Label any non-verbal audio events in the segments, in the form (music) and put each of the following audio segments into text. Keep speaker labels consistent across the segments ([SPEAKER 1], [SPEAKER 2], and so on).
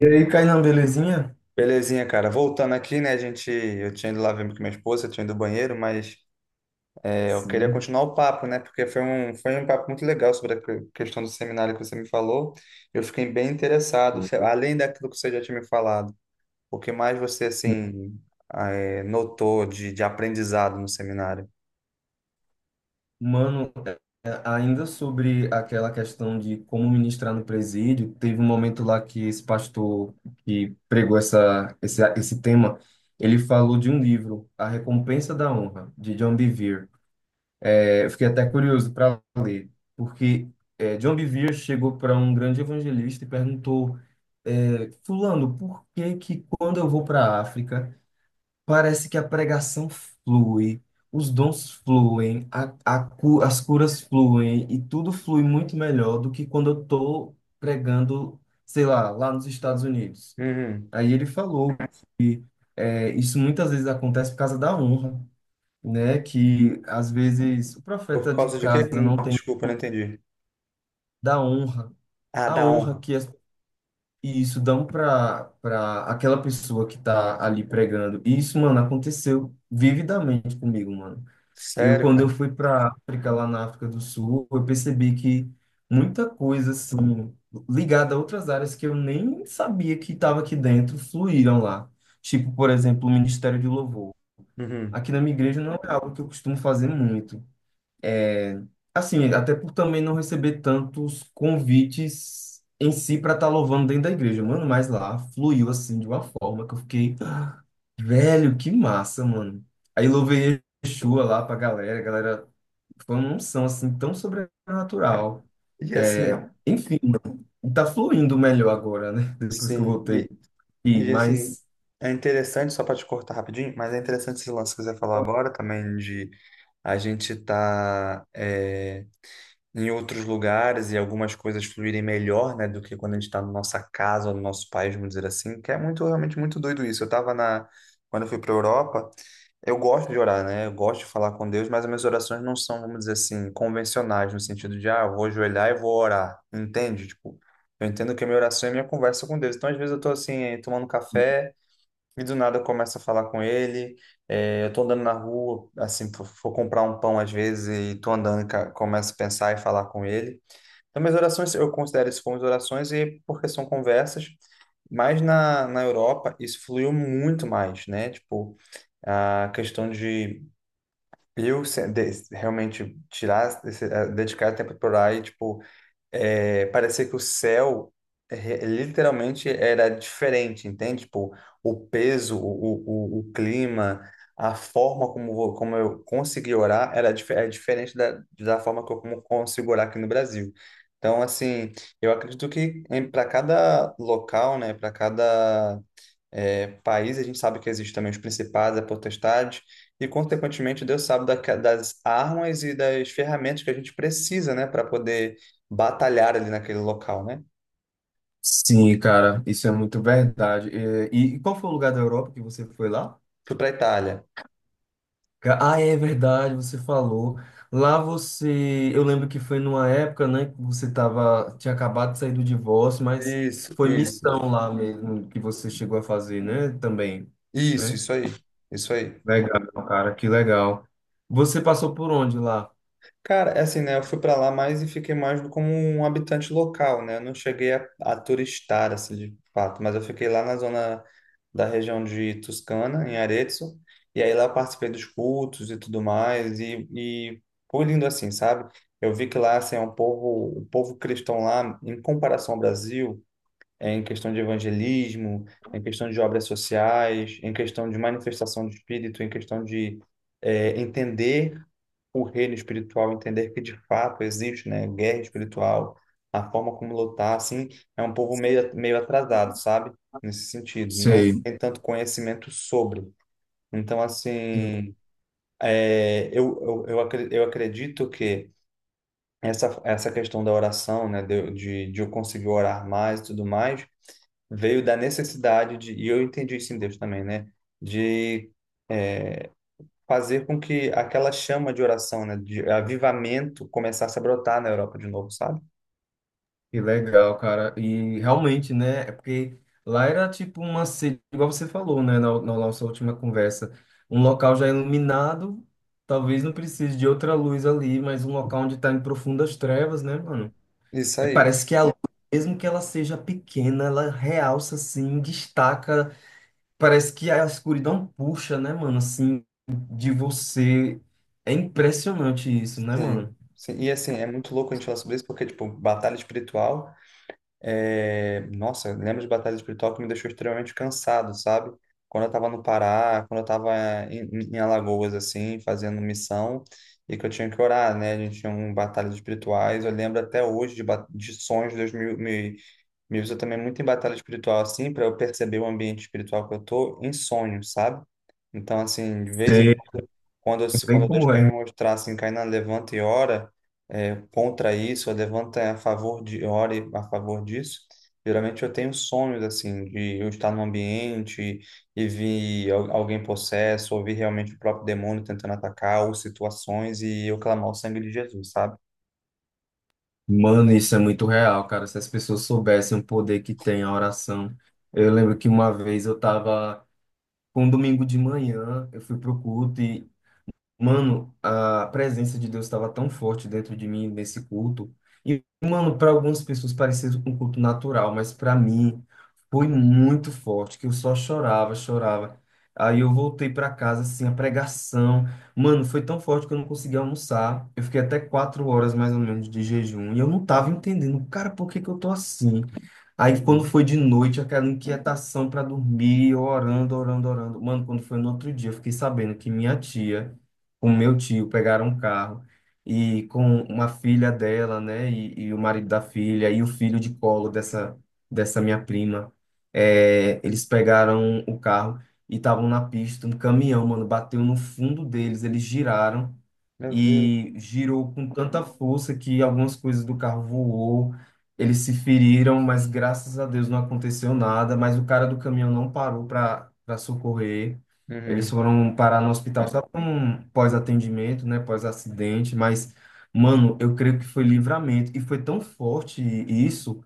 [SPEAKER 1] E aí, Kainan, belezinha?
[SPEAKER 2] Belezinha, cara. Voltando aqui, né? A gente, eu tinha ido lá ver com minha esposa, eu tinha ido ao banheiro, mas eu queria
[SPEAKER 1] Sim.
[SPEAKER 2] continuar o papo, né? Porque foi um papo muito legal sobre a questão do seminário que você me falou. Eu fiquei bem interessado,
[SPEAKER 1] Boa.
[SPEAKER 2] além daquilo que você já tinha me falado. O que mais você, assim, notou de aprendizado no seminário?
[SPEAKER 1] Mano, ainda sobre aquela questão de como ministrar no presídio, teve um momento lá que esse pastor que pregou esse tema, ele falou de um livro, A Recompensa da Honra, de John Bevere. Eu fiquei até curioso para ler, porque John Bevere chegou para um grande evangelista e perguntou, Fulano, por que que quando eu vou para a África, parece que a pregação flui, os dons fluem, as curas fluem e tudo flui muito melhor do que quando eu estou pregando, sei lá, lá nos Estados Unidos.
[SPEAKER 2] Uhum.
[SPEAKER 1] Aí ele falou que isso muitas vezes acontece por causa da honra, né? Que às vezes o
[SPEAKER 2] Por
[SPEAKER 1] profeta de
[SPEAKER 2] causa de quê?
[SPEAKER 1] casa
[SPEAKER 2] Que não-
[SPEAKER 1] não tem
[SPEAKER 2] Desculpa, eu não entendi.
[SPEAKER 1] da honra,
[SPEAKER 2] Ah,
[SPEAKER 1] a
[SPEAKER 2] da
[SPEAKER 1] honra
[SPEAKER 2] honra.
[SPEAKER 1] que as, e isso dão para aquela pessoa que está ali pregando. E isso, mano, aconteceu vividamente comigo, mano.
[SPEAKER 2] Sério,
[SPEAKER 1] Quando eu
[SPEAKER 2] cara?
[SPEAKER 1] fui para África, lá na África do Sul, eu percebi que muita coisa, assim, ligada a outras áreas que eu nem sabia que estava aqui dentro, fluíram lá. Tipo, por exemplo, o Ministério de Louvor.
[SPEAKER 2] Uhum.
[SPEAKER 1] Aqui na minha igreja não é algo que eu costumo fazer muito. É, Assim, até por também não receber tantos convites em si para estar louvando dentro da igreja, mano, mas lá fluiu assim de uma forma que eu fiquei, "Ah, velho, que massa, mano. Aí louvei Yeshua lá pra galera, a galera foi uma unção assim tão sobrenatural.
[SPEAKER 2] E assim,
[SPEAKER 1] Enfim, tá fluindo melhor agora, né? (laughs) Depois que eu
[SPEAKER 2] sim.
[SPEAKER 1] voltei. E,
[SPEAKER 2] E assim,
[SPEAKER 1] mas
[SPEAKER 2] é interessante, só para te cortar rapidinho, mas é interessante esse lance que você falou agora também de a gente tá. Em outros lugares e algumas coisas fluírem melhor, né, do que quando a gente está na nossa casa ou no nosso país, vamos dizer assim, que é muito, realmente muito doido isso. Quando eu fui para Europa, eu gosto de orar, né, eu gosto de falar com Deus, mas as minhas orações não são, vamos dizer assim, convencionais, no sentido de, ah, eu vou ajoelhar e vou orar, entende? Tipo, eu entendo que a minha oração é a minha conversa com Deus. Então, às vezes eu tô assim, tomando café, e do nada eu começo a falar com ele. É, eu tô andando na rua, assim, for for comprar um pão às vezes e tô andando, e começo a pensar e falar com ele. Então, minhas orações, eu considero isso como orações e porque são conversas, mas na Europa isso fluiu muito mais, né? Tipo, a questão de realmente tirar, dedicar tempo para orar e, tipo, é, parecia que o céu literalmente era diferente, entende? Tipo, o peso, o clima, a forma como, como eu consegui orar era é diferente da forma que eu como consigo orar aqui no Brasil. Então, assim, eu acredito que para cada local, né, para cada país, a gente sabe que existem também os principados, a potestade, e consequentemente Deus sabe das armas e das ferramentas que a gente precisa, né, para poder batalhar ali naquele local, né?
[SPEAKER 1] sim, cara, isso é muito verdade. E qual foi o lugar da Europa que você foi lá?
[SPEAKER 2] Fui para a Itália.
[SPEAKER 1] Ah, é verdade, você falou. Lá você, eu lembro que foi numa época, né, que você tava, tinha acabado de sair do divórcio, mas
[SPEAKER 2] Isso,
[SPEAKER 1] foi
[SPEAKER 2] isso,
[SPEAKER 1] missão lá mesmo que você chegou a fazer, né, também, né?
[SPEAKER 2] isso aí, isso aí.
[SPEAKER 1] Legal, cara, que legal. Você passou por onde lá?
[SPEAKER 2] Cara, é assim, né? Eu fui pra lá mais e fiquei mais como um habitante local, né? Eu não cheguei a turistar, assim, de fato, mas eu fiquei lá na zona da região de Toscana, em Arezzo, e aí lá eu participei dos cultos e tudo mais, e foi lindo assim, sabe? Eu vi que lá, assim, é um povo, o povo cristão lá, em comparação ao Brasil, é em questão de evangelismo, em questão de obras sociais, em questão de manifestação de espírito, em questão de entender o reino espiritual, entender que de fato existe, né, guerra espiritual, a forma como lutar, assim, é um povo meio, meio atrasado, sabe? Nesse sentido, não
[SPEAKER 1] Sei.
[SPEAKER 2] tem tanto conhecimento sobre. Então,
[SPEAKER 1] Sim,
[SPEAKER 2] assim, é, eu acredito que essa questão da oração, né, de eu conseguir orar mais e tudo mais, veio da necessidade de, e eu entendi isso em Deus também, né, de é, fazer com que aquela chama de oração, né, de avivamento começasse a brotar na Europa de novo, sabe?
[SPEAKER 1] que legal, cara. E realmente, né? É porque lá era tipo uma sede, igual você falou, né? Na, na nossa última conversa. Um local já iluminado, talvez não precise de outra luz ali, mas um local onde tá em profundas trevas, né, mano?
[SPEAKER 2] Isso
[SPEAKER 1] É,
[SPEAKER 2] aí.
[SPEAKER 1] parece que a luz, mesmo que ela seja pequena, ela realça, assim, destaca. Parece que a escuridão puxa, né, mano? Assim, de você. É impressionante isso, né,
[SPEAKER 2] Sim.
[SPEAKER 1] mano?
[SPEAKER 2] Sim. E assim, é muito louco a gente falar sobre isso, porque, tipo, batalha espiritual. É, nossa, eu lembro de batalha espiritual que me deixou extremamente cansado, sabe? Quando eu tava no Pará, quando eu tava em Alagoas, assim, fazendo missão, e que eu tinha que orar, né? A gente tinha um batalhas espirituais, eu lembro até hoje de, de sonhos, me usa também muito em batalha espiritual, assim, para eu perceber o ambiente espiritual que eu tô em sonhos, sabe? Então, assim, de vez em
[SPEAKER 1] Sei
[SPEAKER 2] quando, quando,
[SPEAKER 1] bem
[SPEAKER 2] quando Deus
[SPEAKER 1] como
[SPEAKER 2] quer
[SPEAKER 1] é.
[SPEAKER 2] me mostrar, assim, cai na levanta e ora, é, contra isso, ou levanta a favor de, ore a favor disso. Geralmente eu tenho sonhos assim de eu estar num ambiente e vir alguém possesso, ou vir realmente o próprio demônio tentando atacar, ou situações e eu clamar o sangue de Jesus, sabe?
[SPEAKER 1] Mano, isso é muito real, cara. Se as pessoas soubessem o poder que tem a oração. Eu lembro que uma vez eu tava com um domingo de manhã, eu fui pro culto. Mano, a presença de Deus estava tão forte dentro de mim nesse culto. E, mano, para algumas pessoas parecia um culto natural, mas para mim foi muito forte, que eu só chorava, chorava. Aí eu voltei para casa, assim, a pregação. Mano, foi tão forte que eu não conseguia almoçar. Eu fiquei até 4 horas mais ou menos de jejum. E eu não tava entendendo, cara, por que que eu tô assim? Aí quando
[SPEAKER 2] Uhum.
[SPEAKER 1] foi de noite, aquela inquietação para dormir, eu orando, orando, orando. Mano, quando foi no outro dia, eu fiquei sabendo que minha tia com meu tio, pegaram um carro e com uma filha dela, né, e o marido da filha e o filho de colo dessa minha prima, é, eles pegaram o carro e estavam na pista, um caminhão, mano, bateu no fundo deles, eles giraram
[SPEAKER 2] Meu Deus.
[SPEAKER 1] e girou com tanta força que algumas coisas do carro voou, eles se feriram, mas graças a Deus não aconteceu nada, mas o cara do caminhão não parou para socorrer. Eles
[SPEAKER 2] Uhum.
[SPEAKER 1] foram parar no hospital só para um pós-atendimento, né, pós-acidente, mas mano, eu creio que foi livramento e foi tão forte isso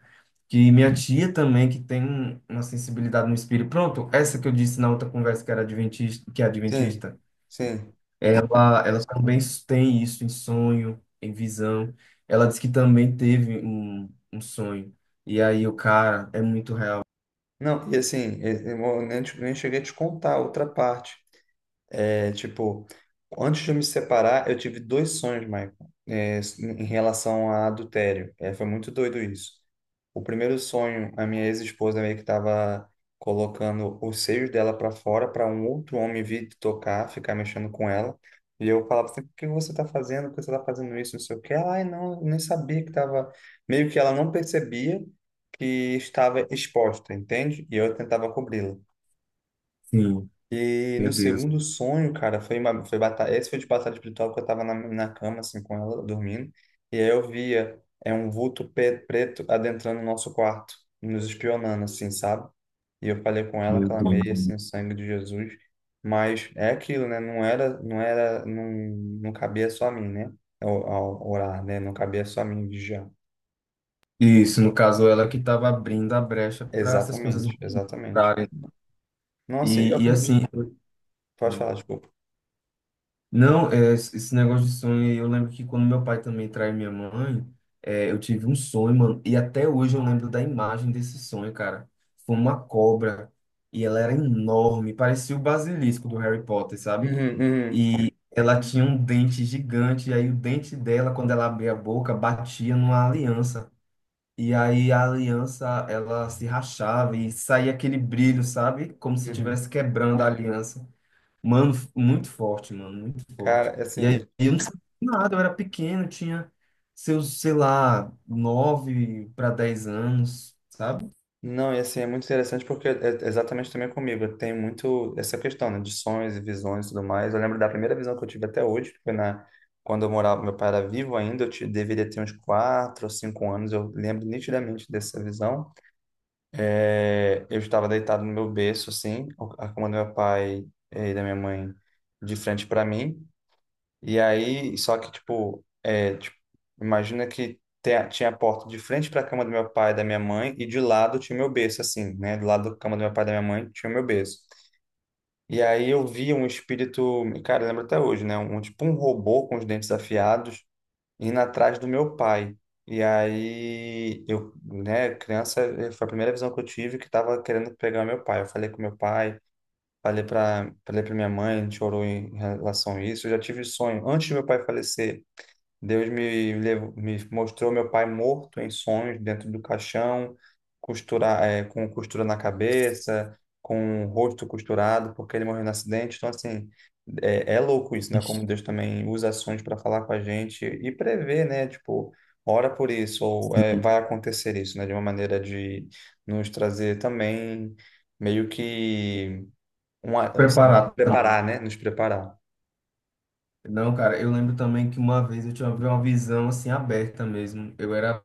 [SPEAKER 1] que minha tia também que tem um- uma sensibilidade no espírito. Pronto, essa que eu disse na outra conversa que era adventista, que é
[SPEAKER 2] Sim,
[SPEAKER 1] adventista.
[SPEAKER 2] sim.
[SPEAKER 1] Ela também tem isso em sonho, em visão. Ela disse que também teve um, um sonho. E aí o cara é muito real.
[SPEAKER 2] Não, e assim, eu nem, te- nem cheguei a te contar outra parte. É, tipo, antes de eu me separar, eu tive 2 sonhos, Michael, é, em relação a adultério. É, foi muito doido isso. O primeiro sonho, a minha ex-esposa meio que estava colocando os seios dela para fora para um outro homem vir tocar, ficar mexendo com ela. E eu falava assim, por que você tá fazendo? Por que você tá fazendo isso? Não sei o quê. Ela, ai, não, eu nem sabia que tava... Meio que ela não percebia que estava exposta, entende? E eu tentava cobri-la.
[SPEAKER 1] Sim,
[SPEAKER 2] E no
[SPEAKER 1] meu Deus,
[SPEAKER 2] segundo sonho, cara, foi batalha, esse foi de batalha espiritual que eu tava na cama, assim, com ela, dormindo. E aí eu via, é um vulto preto adentrando o nosso quarto, nos espionando, assim, sabe? E eu falei com ela,
[SPEAKER 1] meu Deus.
[SPEAKER 2] clamei, assim, o sangue de Jesus. Mas é aquilo, né? Não, não cabia só a mim, né? Ao orar, né? Não cabia só a mim vigiar.
[SPEAKER 1] Isso, no caso, ela que estava abrindo a brecha para essas coisas
[SPEAKER 2] Exatamente, exatamente.
[SPEAKER 1] entrarem.
[SPEAKER 2] Nossa, e eu
[SPEAKER 1] E
[SPEAKER 2] aprendi.
[SPEAKER 1] assim,
[SPEAKER 2] Pode falar, desculpa.
[SPEAKER 1] não, esse negócio de sonho, aí, eu lembro que quando meu pai também traiu minha mãe, é, eu tive um sonho, mano, e até hoje eu lembro da imagem desse sonho, cara. Foi uma cobra, e ela era enorme, parecia o basilisco do Harry Potter, sabe?
[SPEAKER 2] Uhum, uhum,
[SPEAKER 1] E ela tinha um dente gigante, e aí o dente dela, quando ela abria a boca, batia numa aliança. E aí a aliança, ela se rachava e saía aquele brilho, sabe? Como se
[SPEAKER 2] uhum.
[SPEAKER 1] estivesse quebrando a aliança. Mano, muito forte, mano, muito forte.
[SPEAKER 2] Cara,
[SPEAKER 1] E
[SPEAKER 2] assim,
[SPEAKER 1] aí eu não sabia nada, eu era pequeno, eu tinha seus, sei lá, 9 para 10 anos, sabe?
[SPEAKER 2] não, e assim, é muito interessante porque é exatamente também comigo. Eu tenho muito essa questão, né, de sonhos e visões e tudo mais. Eu lembro da primeira visão que eu tive até hoje, que foi na, quando eu morava, meu pai era vivo ainda, eu deveria ter uns 4 ou 5 anos, eu lembro nitidamente dessa visão. É, eu estava deitado no meu berço, assim, a cama do meu pai e da minha mãe de frente para mim. E aí, só que, tipo, é, tipo, imagina que tinha a porta de frente para a cama do meu pai e da minha mãe, e de lado tinha o meu berço, assim, né? Do lado da cama do meu pai e da minha mãe tinha o meu berço. E aí eu vi um espírito, cara, eu lembro até hoje, né? Um, tipo um robô com os dentes afiados indo atrás do meu pai. E aí, eu, né, criança, eh, foi a primeira visão que eu tive que tava querendo pegar meu pai. Eu falei com meu pai, falei para minha mãe, a gente orou em relação a isso. Eu já tive sonho, antes do meu pai falecer, levou, me mostrou meu pai morto em sonhos dentro do caixão, costura, eh, com costura na cabeça, com o rosto costurado, porque ele morreu no acidente. Então, assim, é, é louco isso, né?
[SPEAKER 1] Ixi.
[SPEAKER 2] Como Deus também usa sonhos para falar com a gente e prever, né? Tipo, ora por isso, ou eh,
[SPEAKER 1] Sim.
[SPEAKER 2] vai acontecer isso, né? De uma maneira de nos trazer também meio que uma, assim,
[SPEAKER 1] Preparado também.
[SPEAKER 2] preparar, né? Nos preparar.
[SPEAKER 1] Não, cara, eu lembro também que uma vez eu tinha uma visão assim aberta mesmo. Eu era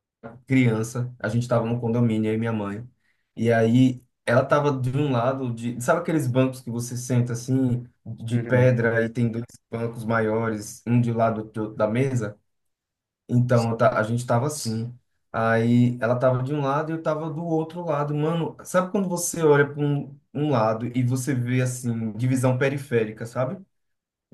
[SPEAKER 1] criança, a gente tava no condomínio, eu e minha mãe. E aí ela tava de um lado de, sabe aqueles bancos que você senta assim, de
[SPEAKER 2] Uhum,
[SPEAKER 1] pedra e tem dois bancos maiores, um de lado do outro da mesa? Então, eu ta- a gente tava assim. Aí ela tava de um lado e eu tava do outro lado. Mano, sabe quando você olha para um lado e você vê assim, divisão periférica, sabe?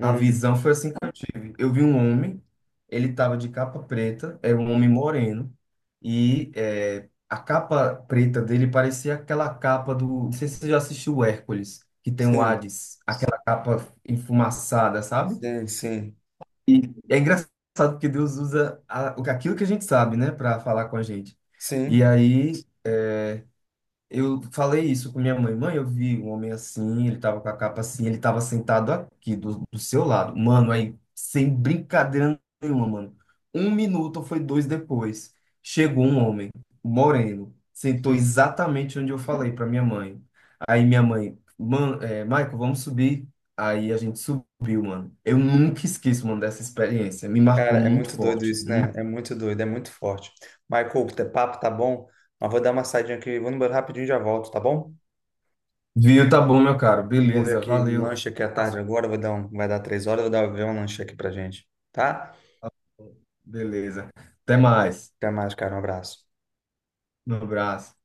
[SPEAKER 1] A visão foi assim que eu tive. Eu vi um homem, ele tava de capa preta, era um homem moreno, e é, a capa preta dele parecia aquela capa do. Não sei se você já assistiu o Hércules, que tem o
[SPEAKER 2] Sim,
[SPEAKER 1] Hades, aquela capa enfumaçada, sabe?
[SPEAKER 2] sim, sim.
[SPEAKER 1] E é engraçado porque Deus usa aquilo que a gente sabe, né, para falar com a gente. E
[SPEAKER 2] Sim.
[SPEAKER 1] aí eu falei isso com minha mãe. Mãe, eu vi um homem assim, ele tava com a capa assim, ele tava sentado aqui do seu lado. Mano, aí, sem brincadeira nenhuma, mano. Um minuto ou foi dois depois, chegou um homem, moreno, sentou exatamente onde eu falei pra minha mãe. Aí minha mãe, mano, Michael, vamos subir. Aí a gente subiu, mano. Eu nunca esqueço, mano, dessa experiência. Me
[SPEAKER 2] Cara,
[SPEAKER 1] marcou
[SPEAKER 2] é
[SPEAKER 1] muito
[SPEAKER 2] muito doido
[SPEAKER 1] forte.
[SPEAKER 2] isso, né? É muito doido, é muito forte. Michael, o teu papo tá bom, mas vou dar uma saidinha aqui, vou no banheiro rapidinho e já volto, tá bom?
[SPEAKER 1] Viu? Tá bom, meu caro.
[SPEAKER 2] E vou ver
[SPEAKER 1] Beleza,
[SPEAKER 2] aqui um
[SPEAKER 1] valeu.
[SPEAKER 2] lanche aqui à tarde agora, vou dar um, vai dar 3 horas, vou dar ver um lanche aqui pra gente, tá?
[SPEAKER 1] Beleza. Até mais.
[SPEAKER 2] Até mais, cara, um abraço.
[SPEAKER 1] Um abraço.